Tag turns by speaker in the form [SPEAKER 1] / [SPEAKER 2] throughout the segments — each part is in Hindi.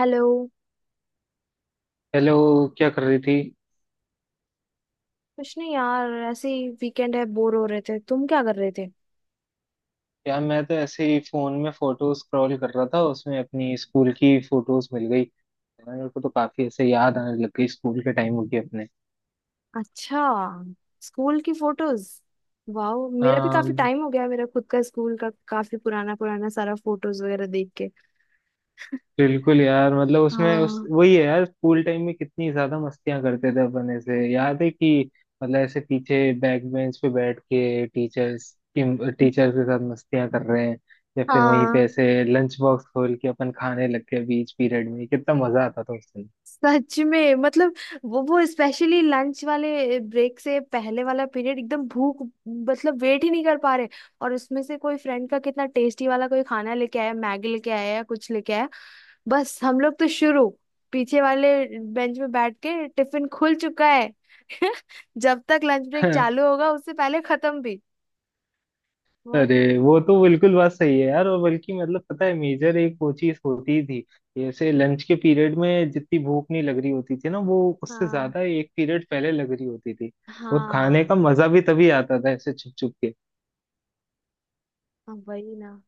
[SPEAKER 1] हेलो।
[SPEAKER 2] हेलो। क्या कर रही थी?
[SPEAKER 1] कुछ नहीं यार, ऐसे ही वीकेंड है, बोर हो रहे थे। तुम क्या कर रहे थे?
[SPEAKER 2] यार मैं तो ऐसे ही फोन में फोटो स्क्रॉल कर रहा था, उसमें अपनी स्कूल की फोटोज मिल गई यार, मेरे को तो काफी ऐसे याद आने लग गई स्कूल के टाइम की अपने।
[SPEAKER 1] अच्छा, स्कूल की फोटोज, वाह। मेरा भी काफी
[SPEAKER 2] हाँ।
[SPEAKER 1] टाइम हो गया है, मेरा खुद का स्कूल का काफी पुराना पुराना सारा फोटोज वगैरह देख के।
[SPEAKER 2] बिल्कुल यार। मतलब उसमें उस
[SPEAKER 1] हाँ।
[SPEAKER 2] वही है यार, स्कूल टाइम में कितनी ज्यादा मस्तियां करते थे अपन। ऐसे याद है कि मतलब ऐसे पीछे बैक बेंच पे बैठ के टीचर्स के साथ मस्तियां कर रहे हैं, या फिर वहीं पे
[SPEAKER 1] हाँ,
[SPEAKER 2] ऐसे लंच बॉक्स खोल के अपन खाने लग गए बीच पीरियड में। कितना मजा आता था उस दिन।
[SPEAKER 1] सच में। मतलब वो स्पेशली लंच वाले ब्रेक से पहले वाला पीरियड, एकदम भूख। मतलब वेट ही नहीं कर पा रहे। और उसमें से कोई फ्रेंड का कितना टेस्टी वाला कोई खाना लेके आया, मैगी लेके आया या कुछ लेके आया, बस हम लोग तो शुरू। पीछे वाले बेंच में बैठ के टिफिन खुल चुका है। जब तक लंच ब्रेक चालू होगा उससे पहले खत्म भी। बहुत
[SPEAKER 2] अरे
[SPEAKER 1] ही।
[SPEAKER 2] वो तो बिल्कुल बात सही है यार। और बल्कि मतलब पता है, मेजर एक वो चीज होती थी, जैसे लंच के पीरियड में जितनी भूख नहीं लग रही होती थी ना, वो उससे
[SPEAKER 1] हाँ,
[SPEAKER 2] ज्यादा एक पीरियड पहले लग रही होती थी। और खाने का
[SPEAKER 1] हाँ,
[SPEAKER 2] मजा भी तभी आता था ऐसे छुप छुप के।
[SPEAKER 1] हाँ, वही ना।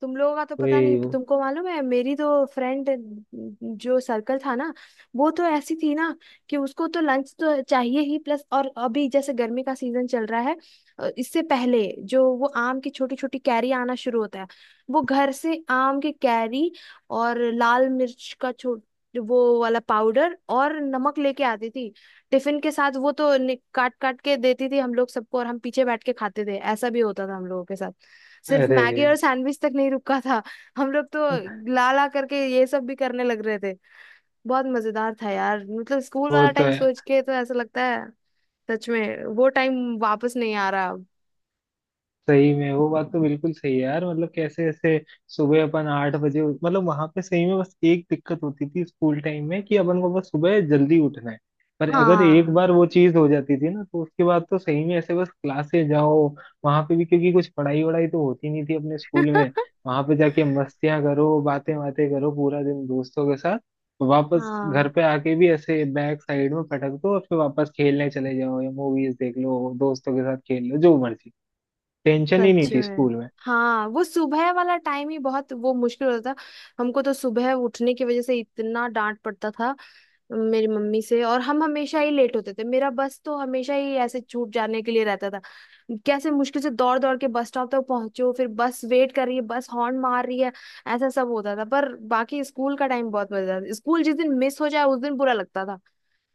[SPEAKER 1] तुम लोगों का तो पता नहीं,
[SPEAKER 2] वही।
[SPEAKER 1] तुमको मालूम है मेरी तो फ्रेंड जो सर्कल था ना, वो तो ऐसी थी ना कि उसको तो लंच तो चाहिए ही, प्लस और अभी जैसे गर्मी का सीजन चल रहा है, इससे पहले जो वो आम की छोटी छोटी कैरी आना शुरू होता है, वो घर से आम की कैरी और लाल मिर्च का छोट, वो वाला पाउडर और नमक लेके आती थी टिफिन के साथ। वो तो काट काट के देती थी हम लोग सबको, और हम पीछे बैठ के खाते थे। ऐसा भी होता था हम लोगों के साथ, सिर्फ
[SPEAKER 2] अरे
[SPEAKER 1] मैगी और सैंडविच तक नहीं रुका था, हम लोग तो ला ला करके ये सब भी करने लग रहे थे। बहुत मजेदार था यार, मतलब स्कूल
[SPEAKER 2] वो
[SPEAKER 1] वाला
[SPEAKER 2] तो
[SPEAKER 1] टाइम
[SPEAKER 2] है।
[SPEAKER 1] सोच के तो ऐसा लगता है सच में वो टाइम वापस नहीं आ रहा अब।
[SPEAKER 2] सही में वो बात तो बिल्कुल सही है यार। मतलब कैसे ऐसे सुबह अपन 8 बजे, मतलब वहां पे सही में बस एक दिक्कत होती थी स्कूल टाइम में कि अपन को बस सुबह जल्दी उठना है। पर अगर एक
[SPEAKER 1] हाँ।
[SPEAKER 2] बार वो चीज हो जाती थी ना, तो उसके बाद तो सही में ऐसे बस क्लासे जाओ वहां पे भी, क्योंकि कुछ पढ़ाई वढ़ाई तो होती नहीं थी अपने स्कूल में। वहां पे जाके मस्तियां करो, बातें बातें करो पूरा दिन दोस्तों के साथ। तो वापस घर
[SPEAKER 1] हाँ,
[SPEAKER 2] पे आके भी ऐसे बैक साइड में पटक दो और फिर वापस खेलने चले जाओ, या मूवीज देख लो, दोस्तों के साथ खेल लो जो मर्जी। टेंशन ही
[SPEAKER 1] सच
[SPEAKER 2] नहीं थी
[SPEAKER 1] में।
[SPEAKER 2] स्कूल में।
[SPEAKER 1] हाँ, वो सुबह वाला टाइम ही बहुत वो मुश्किल होता था। हमको तो सुबह उठने की वजह से इतना डांट पड़ता था मेरी मम्मी से, और हम हमेशा ही लेट होते थे, मेरा बस तो हमेशा ही ऐसे छूट जाने के लिए रहता था। कैसे मुश्किल से दौड़ दौड़ के बस स्टॉप तक पहुंचो, फिर बस वेट कर रही है, बस हॉर्न मार रही है, ऐसा सब होता था। पर बाकी स्कूल का टाइम बहुत मजेदार था। स्कूल जिस दिन मिस हो जाए उस दिन बुरा लगता था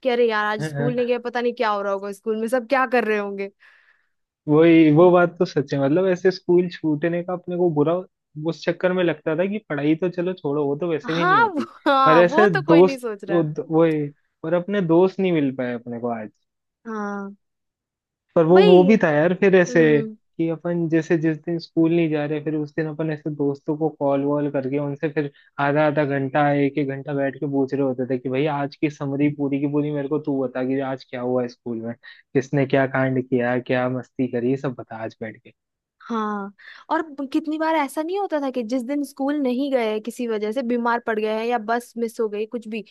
[SPEAKER 1] कि अरे यार आज स्कूल नहीं गए, पता नहीं क्या हो रहा होगा स्कूल में, सब क्या कर रहे होंगे।
[SPEAKER 2] वही। वो बात तो सच है, मतलब ऐसे स्कूल छूटने का अपने को बुरा उस चक्कर में लगता था कि पढ़ाई तो चलो छोड़ो, वो तो वैसे भी नहीं होती, पर
[SPEAKER 1] हाँ, वो
[SPEAKER 2] ऐसे
[SPEAKER 1] तो कोई नहीं
[SPEAKER 2] दोस्त
[SPEAKER 1] सोच
[SPEAKER 2] वो
[SPEAKER 1] रहा।
[SPEAKER 2] वो- और अपने दोस्त नहीं मिल पाए अपने को आज।
[SPEAKER 1] हाँ,
[SPEAKER 2] पर वो
[SPEAKER 1] वही।
[SPEAKER 2] भी था यार, फिर ऐसे
[SPEAKER 1] हम्म।
[SPEAKER 2] कि अपन जैसे जिस दिन स्कूल नहीं जा रहे, फिर उस दिन अपन ऐसे दोस्तों को कॉल वॉल करके उनसे फिर आधा आधा घंटा एक एक घंटा बैठ के पूछ रहे होते थे कि भाई आज की समरी पूरी की पूरी मेरे को तू बता कि आज क्या हुआ स्कूल में, किसने क्या कांड किया, क्या मस्ती करी, ये सब बता आज बैठ के।
[SPEAKER 1] हाँ। और कितनी बार ऐसा नहीं होता था कि जिस दिन स्कूल नहीं गए किसी वजह से, बीमार पड़ गए हैं या बस मिस हो गई कुछ भी,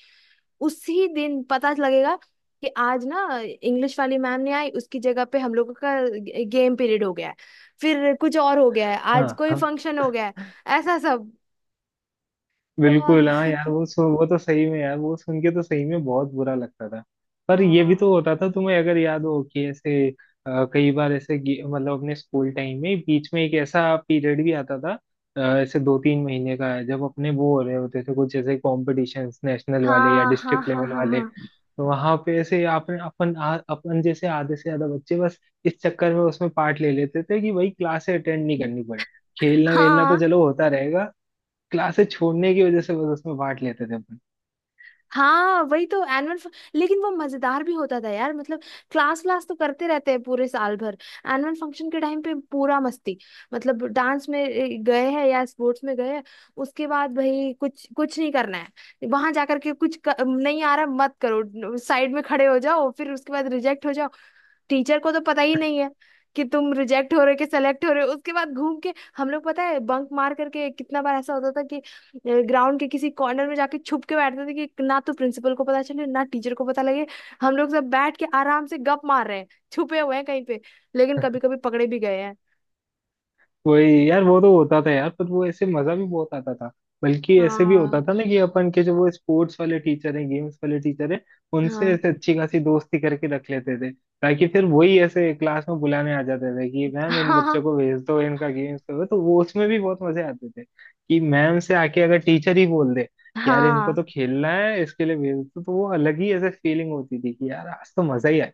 [SPEAKER 1] उसी दिन पता लगेगा कि आज ना इंग्लिश वाली मैम नहीं आई, उसकी जगह पे हम लोगों का गेम पीरियड हो गया है, फिर कुछ और हो गया है, आज
[SPEAKER 2] हाँ,
[SPEAKER 1] कोई
[SPEAKER 2] हाँ।
[SPEAKER 1] फंक्शन हो गया है, ऐसा सब।
[SPEAKER 2] बिल्कुल हाँ
[SPEAKER 1] बहुत।
[SPEAKER 2] यार वो तो सही में यार वो सुन के तो सही में बहुत बुरा लगता था। पर ये भी तो
[SPEAKER 1] हाँ,
[SPEAKER 2] होता था, तुम्हें अगर याद हो कि ऐसे कई बार ऐसे मतलब अपने स्कूल टाइम में बीच में एक ऐसा पीरियड भी आता था, ऐसे दो तीन महीने का, जब अपने वो हो रहे होते थे कुछ ऐसे कॉम्पिटिशन्स नेशनल वाले या
[SPEAKER 1] हाँ, हाँ,
[SPEAKER 2] डिस्ट्रिक्ट
[SPEAKER 1] हाँ,
[SPEAKER 2] लेवल
[SPEAKER 1] हाँ,
[SPEAKER 2] वाले,
[SPEAKER 1] हाँ,
[SPEAKER 2] तो वहां पे ऐसे अपन जैसे आधे से ज्यादा बच्चे बस इस चक्कर में उसमें पार्ट ले लेते थे कि भाई क्लासे अटेंड नहीं करनी पड़े, खेलना वेलना तो
[SPEAKER 1] हाँ,
[SPEAKER 2] चलो होता रहेगा, क्लासेस छोड़ने की वजह से बस उसमें बांट लेते थे अपन।
[SPEAKER 1] हाँ, वही तो। एनुअल, लेकिन वो मजेदार भी होता था यार। मतलब क्लास व्लास तो करते रहते हैं पूरे साल भर, एनुअल फंक्शन के टाइम पे पूरा मस्ती। मतलब डांस में गए हैं या स्पोर्ट्स में गए हैं, उसके बाद भाई कुछ कुछ नहीं करना है, वहां जाकर के कुछ नहीं आ रहा, मत करो, साइड में खड़े हो जाओ, फिर उसके बाद रिजेक्ट हो जाओ। टीचर को तो पता ही नहीं है कि तुम रिजेक्ट हो रहे हो कि सेलेक्ट हो रहे हो। उसके बाद घूम के हम लोग, पता है, बंक मार करके कितना बार ऐसा होता था कि ग्राउंड के किसी कॉर्नर में जाके छुप के बैठते थे कि ना तो प्रिंसिपल को पता चले ना टीचर को पता लगे, हम लोग सब बैठ के आराम से गप मार रहे हैं, छुपे हुए हैं कहीं पे। लेकिन कभी कभी पकड़े भी गए हैं।
[SPEAKER 2] वही। यार वो तो होता था यार, पर वो ऐसे मजा भी बहुत आता था। बल्कि ऐसे भी होता
[SPEAKER 1] हाँ,
[SPEAKER 2] था ना कि अपन के जो वो स्पोर्ट्स वाले टीचर हैं, गेम्स वाले टीचर हैं, उनसे
[SPEAKER 1] हाँ,
[SPEAKER 2] ऐसे अच्छी खासी दोस्ती करके रख लेते थे। ताकि फिर वही ऐसे क्लास में बुलाने आ जाते थे कि मैम इन
[SPEAKER 1] हाँ,
[SPEAKER 2] बच्चों को भेज दो, इनका गेम्स करो, तो वो उसमें भी बहुत मजे आते थे कि मैम से आके अगर टीचर ही बोल दे यार इनको
[SPEAKER 1] हाँ।
[SPEAKER 2] तो खेलना है, इसके लिए भेज दो, तो वो अलग ही ऐसे फीलिंग होती थी कि यार आज तो मजा ही आ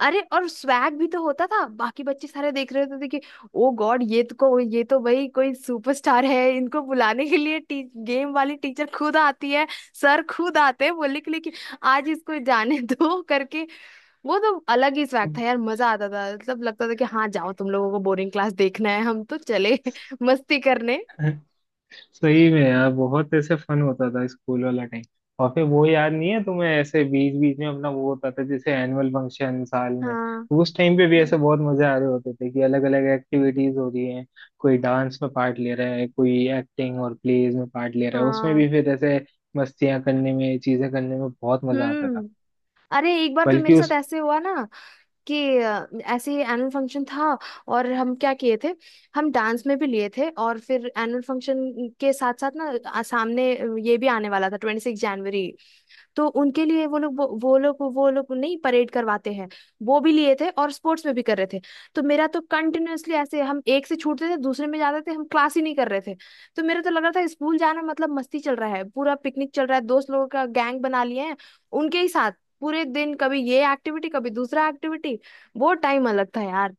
[SPEAKER 1] अरे और स्वैग भी तो होता था, बाकी बच्चे सारे देख रहे होते थे कि ओ गॉड ये तो को, ये तो भाई कोई सुपरस्टार है, इनको बुलाने के लिए गेम वाली टीचर खुद आती है, सर खुद आते हैं बोलने के लिए कि आज इसको जाने दो करके। वो तो अलग ही स्वैग
[SPEAKER 2] गया।
[SPEAKER 1] था यार, मजा आता था। मतलब लगता था कि हाँ जाओ, तुम लोगों को बोरिंग क्लास देखना है, हम तो चले मस्ती करने।
[SPEAKER 2] सही में यार बहुत ऐसे फन होता था स्कूल वाला टाइम। और फिर वो याद नहीं है तुम्हें, ऐसे बीच बीच में अपना वो होता था जैसे एनुअल फंक्शन साल में,
[SPEAKER 1] हाँ,
[SPEAKER 2] तो उस टाइम पे भी ऐसे बहुत मजे आ रहे होते थे कि अलग अलग एक्टिविटीज हो रही हैं। कोई डांस में पार्ट ले रहा है, कोई एक्टिंग और प्लेज में पार्ट ले रहा है, उसमें
[SPEAKER 1] हाँ।
[SPEAKER 2] भी फिर ऐसे मस्तियां करने में, चीजें करने में बहुत मजा आता था।
[SPEAKER 1] हम्म। अरे एक बार तो
[SPEAKER 2] बल्कि
[SPEAKER 1] मेरे साथ
[SPEAKER 2] उस,
[SPEAKER 1] ऐसे हुआ ना कि ऐसे ही एनुअल फंक्शन था, और हम क्या किए थे, हम डांस में भी लिए थे। और फिर एनुअल फंक्शन के साथ साथ ना, सामने ये भी आने वाला था 26 जनवरी, तो उनके लिए वो लोग, वो लोग नहीं, परेड करवाते हैं, वो भी लिए थे, और स्पोर्ट्स में भी कर रहे थे। तो मेरा तो कंटिन्यूअसली ऐसे हम एक से छूटते थे दूसरे में जाते थे, हम क्लास ही नहीं कर रहे थे। तो मेरा तो लग रहा था स्कूल जाना मतलब मस्ती चल रहा है, पूरा पिकनिक चल रहा है। दोस्त लोगों का गैंग बना लिए हैं उनके ही साथ, पूरे दिन कभी ये एक्टिविटी कभी दूसरा एक्टिविटी। वो टाइम अलग था यार।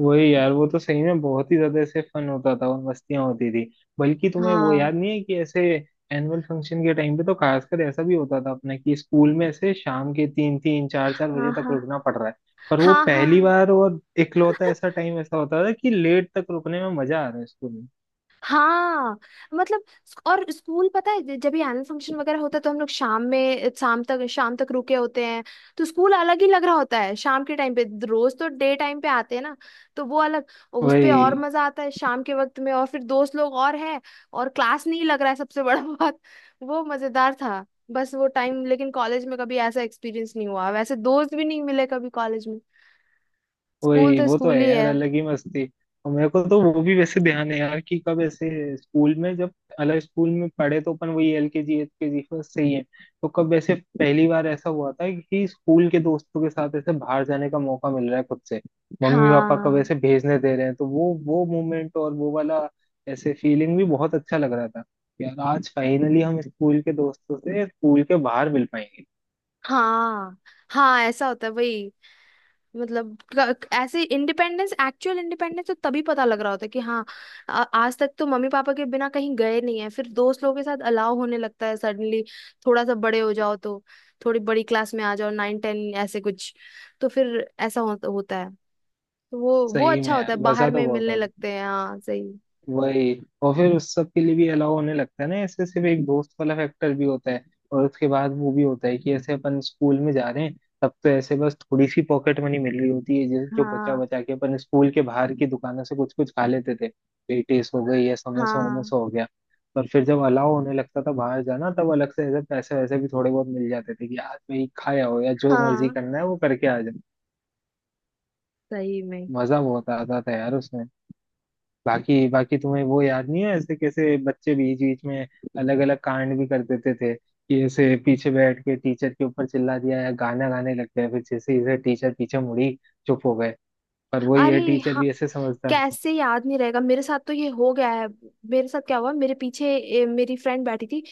[SPEAKER 2] वही। यार वो तो सही में बहुत ही ज्यादा ऐसे फन होता था और मस्तियां होती थी। बल्कि तुम्हें वो
[SPEAKER 1] हाँ,
[SPEAKER 2] याद नहीं है कि ऐसे एनुअल फंक्शन के टाइम पे तो खासकर ऐसा भी होता था अपने कि स्कूल में ऐसे शाम के तीन तीन चार चार
[SPEAKER 1] हाँ,
[SPEAKER 2] बजे तक
[SPEAKER 1] हाँ,
[SPEAKER 2] रुकना पड़ रहा है। पर वो
[SPEAKER 1] हाँ, हाँ,
[SPEAKER 2] पहली
[SPEAKER 1] हाँ,
[SPEAKER 2] बार और इकलौता ऐसा टाइम ऐसा होता था कि लेट तक रुकने में मजा आ रहा है स्कूल में।
[SPEAKER 1] हाँ। मतलब और स्कूल पता है जब भी एनुअल फंक्शन वगैरह होता है तो हम लोग शाम में, शाम तक रुके होते हैं। तो स्कूल अलग ही लग रहा होता है शाम के टाइम पे, रोज तो डे टाइम पे आते हैं ना, तो वो अलग। उस पे
[SPEAKER 2] वही।
[SPEAKER 1] और मजा आता है शाम के वक्त में, और फिर दोस्त लोग और हैं, और क्लास नहीं लग रहा है सबसे बड़ा बात। वो मजेदार था बस वो टाइम। लेकिन कॉलेज में कभी ऐसा एक्सपीरियंस नहीं हुआ, वैसे दोस्त भी नहीं मिले कभी कॉलेज। स्कूल
[SPEAKER 2] वही,
[SPEAKER 1] तो
[SPEAKER 2] वो तो
[SPEAKER 1] स्कूल
[SPEAKER 2] है
[SPEAKER 1] ही
[SPEAKER 2] यार,
[SPEAKER 1] है।
[SPEAKER 2] अलग ही मस्ती। और मेरे को तो वो भी वैसे ध्यान है यार कि कब ऐसे स्कूल में, जब अलग स्कूल में पढ़े, तो अपन वही LKG UKG फर्स्ट से ही है। तो कब वैसे पहली बार ऐसा हुआ था कि स्कूल के दोस्तों के साथ ऐसे बाहर जाने का मौका मिल रहा है खुद से, मम्मी पापा कब
[SPEAKER 1] हाँ,
[SPEAKER 2] ऐसे भेजने दे रहे हैं। तो वो मोमेंट और वो वाला ऐसे फीलिंग भी बहुत अच्छा लग रहा था, यार आज फाइनली हम स्कूल के दोस्तों से स्कूल के बाहर मिल पाएंगे।
[SPEAKER 1] हाँ, हाँ, ऐसा होता है, वही। मतलब ऐसे इंडिपेंडेंस, एक्चुअल इंडिपेंडेंस तो तभी पता लग रहा होता है कि हाँ आज तक तो मम्मी पापा के बिना कहीं गए नहीं है, फिर दोस्त लोगों के साथ अलाव होने लगता है सडनली। थोड़ा सा बड़े हो जाओ तो, थोड़ी बड़ी क्लास में आ जाओ, 9 10 ऐसे कुछ, तो फिर ऐसा होता है। तो वो
[SPEAKER 2] सही
[SPEAKER 1] अच्छा
[SPEAKER 2] में
[SPEAKER 1] होता है
[SPEAKER 2] यार मजा
[SPEAKER 1] बाहर
[SPEAKER 2] तो
[SPEAKER 1] में
[SPEAKER 2] बहुत
[SPEAKER 1] मिलने
[SPEAKER 2] आ
[SPEAKER 1] लगते हैं। हाँ, सही।
[SPEAKER 2] वही। और फिर उस सब के लिए भी अलाउ होने लगता है ना ऐसे, सिर्फ एक दोस्त वाला फैक्टर भी होता है। और उसके बाद वो भी होता है कि ऐसे अपन स्कूल में जा रहे हैं, तब तो ऐसे बस थोड़ी सी पॉकेट मनी मिल रही होती है, जिस जो बचा
[SPEAKER 1] हाँ,
[SPEAKER 2] बचा के अपन स्कूल के बाहर की दुकानों से कुछ कुछ खा लेते थे, पेटीज हो गई या समोसा
[SPEAKER 1] हाँ,
[SPEAKER 2] वमोसा हो गया। पर फिर जब अलाउ होने लगता था बाहर जाना, तब अलग से ऐसे पैसे वैसे भी थोड़े बहुत मिल जाते थे कि आज भाई खाया हो या जो मर्जी
[SPEAKER 1] हाँ,
[SPEAKER 2] करना है वो करके आ जाओ।
[SPEAKER 1] सही में।
[SPEAKER 2] मजा बहुत आता था यार उसमें। बाकी बाकी तुम्हें वो याद नहीं है ऐसे, कैसे बच्चे बीच बीच में अलग अलग कांड भी कर देते थे कि ऐसे पीछे बैठ के टीचर के ऊपर चिल्ला दिया या गाना गाने लग गया, फिर जैसे इसे टीचर पीछे मुड़ी चुप हो गए। पर वही है,
[SPEAKER 1] अरे
[SPEAKER 2] टीचर
[SPEAKER 1] हाँ,
[SPEAKER 2] भी ऐसे समझदार थे।
[SPEAKER 1] कैसे याद नहीं रहेगा, मेरे साथ तो ये हो गया है। मेरे साथ क्या हुआ, मेरे पीछे मेरी फ्रेंड बैठी थी,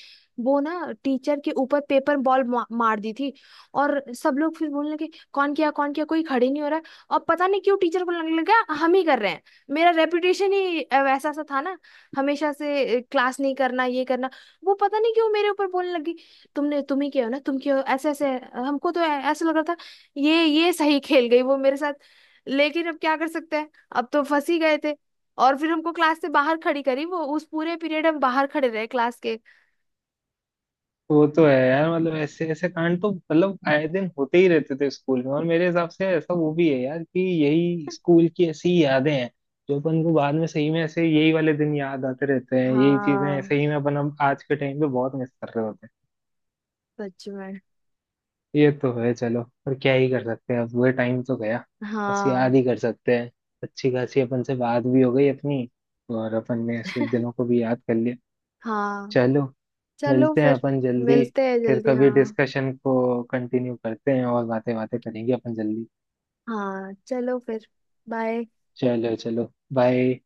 [SPEAKER 1] वो ना टीचर के ऊपर पेपर बॉल मार दी थी। और सब लोग फिर बोलने लगे कौन किया कौन किया, कोई खड़े नहीं हो रहा है। और पता नहीं क्यों टीचर को लगने लगा हम ही कर रहे हैं। मेरा रेपुटेशन ही वैसा सा था ना, हमेशा से क्लास नहीं करना ये करना। वो पता नहीं क्यों मेरे ऊपर बोलने लगी, तुमने, तुम ही किया हो ना, तुम क्यों, ऐसे ऐसे। हमको तो ऐसा लग रहा था ये सही खेल गई वो मेरे साथ। लेकिन अब क्या कर सकते हैं, अब तो फंस ही गए थे। और फिर हमको क्लास से बाहर खड़ी करी वो, उस पूरे पीरियड हम बाहर खड़े रहे क्लास के।
[SPEAKER 2] तो वो तो है यार, मतलब ऐसे ऐसे कांड तो मतलब आए दिन होते ही रहते थे स्कूल में। और मेरे हिसाब से ऐसा वो भी है यार कि यही स्कूल की ऐसी ही यादें हैं जो अपन को बाद में सही में ऐसे यही वाले दिन याद आते रहते हैं, यही चीजें
[SPEAKER 1] हाँ,
[SPEAKER 2] सही में अपन अब आज के टाइम पे बहुत मिस कर रहे होते हैं।
[SPEAKER 1] सच में।
[SPEAKER 2] ये तो है। चलो पर क्या ही कर सकते हैं, अब वो टाइम तो गया, बस याद
[SPEAKER 1] हाँ,
[SPEAKER 2] ही कर सकते हैं। अच्छी खासी अपन से बात भी हो गई अपनी, और अपन ने ऐसे दिनों को भी याद कर लिया।
[SPEAKER 1] हाँ।
[SPEAKER 2] चलो।
[SPEAKER 1] चलो
[SPEAKER 2] मिलते हैं
[SPEAKER 1] फिर,
[SPEAKER 2] अपन जल्दी।
[SPEAKER 1] मिलते हैं
[SPEAKER 2] फिर
[SPEAKER 1] जल्दी।
[SPEAKER 2] कभी
[SPEAKER 1] हाँ,
[SPEAKER 2] डिस्कशन को कंटिन्यू करते हैं और बातें बातें करेंगे अपन जल्दी।
[SPEAKER 1] हाँ, चलो फिर, बाय।
[SPEAKER 2] चलो चलो बाय।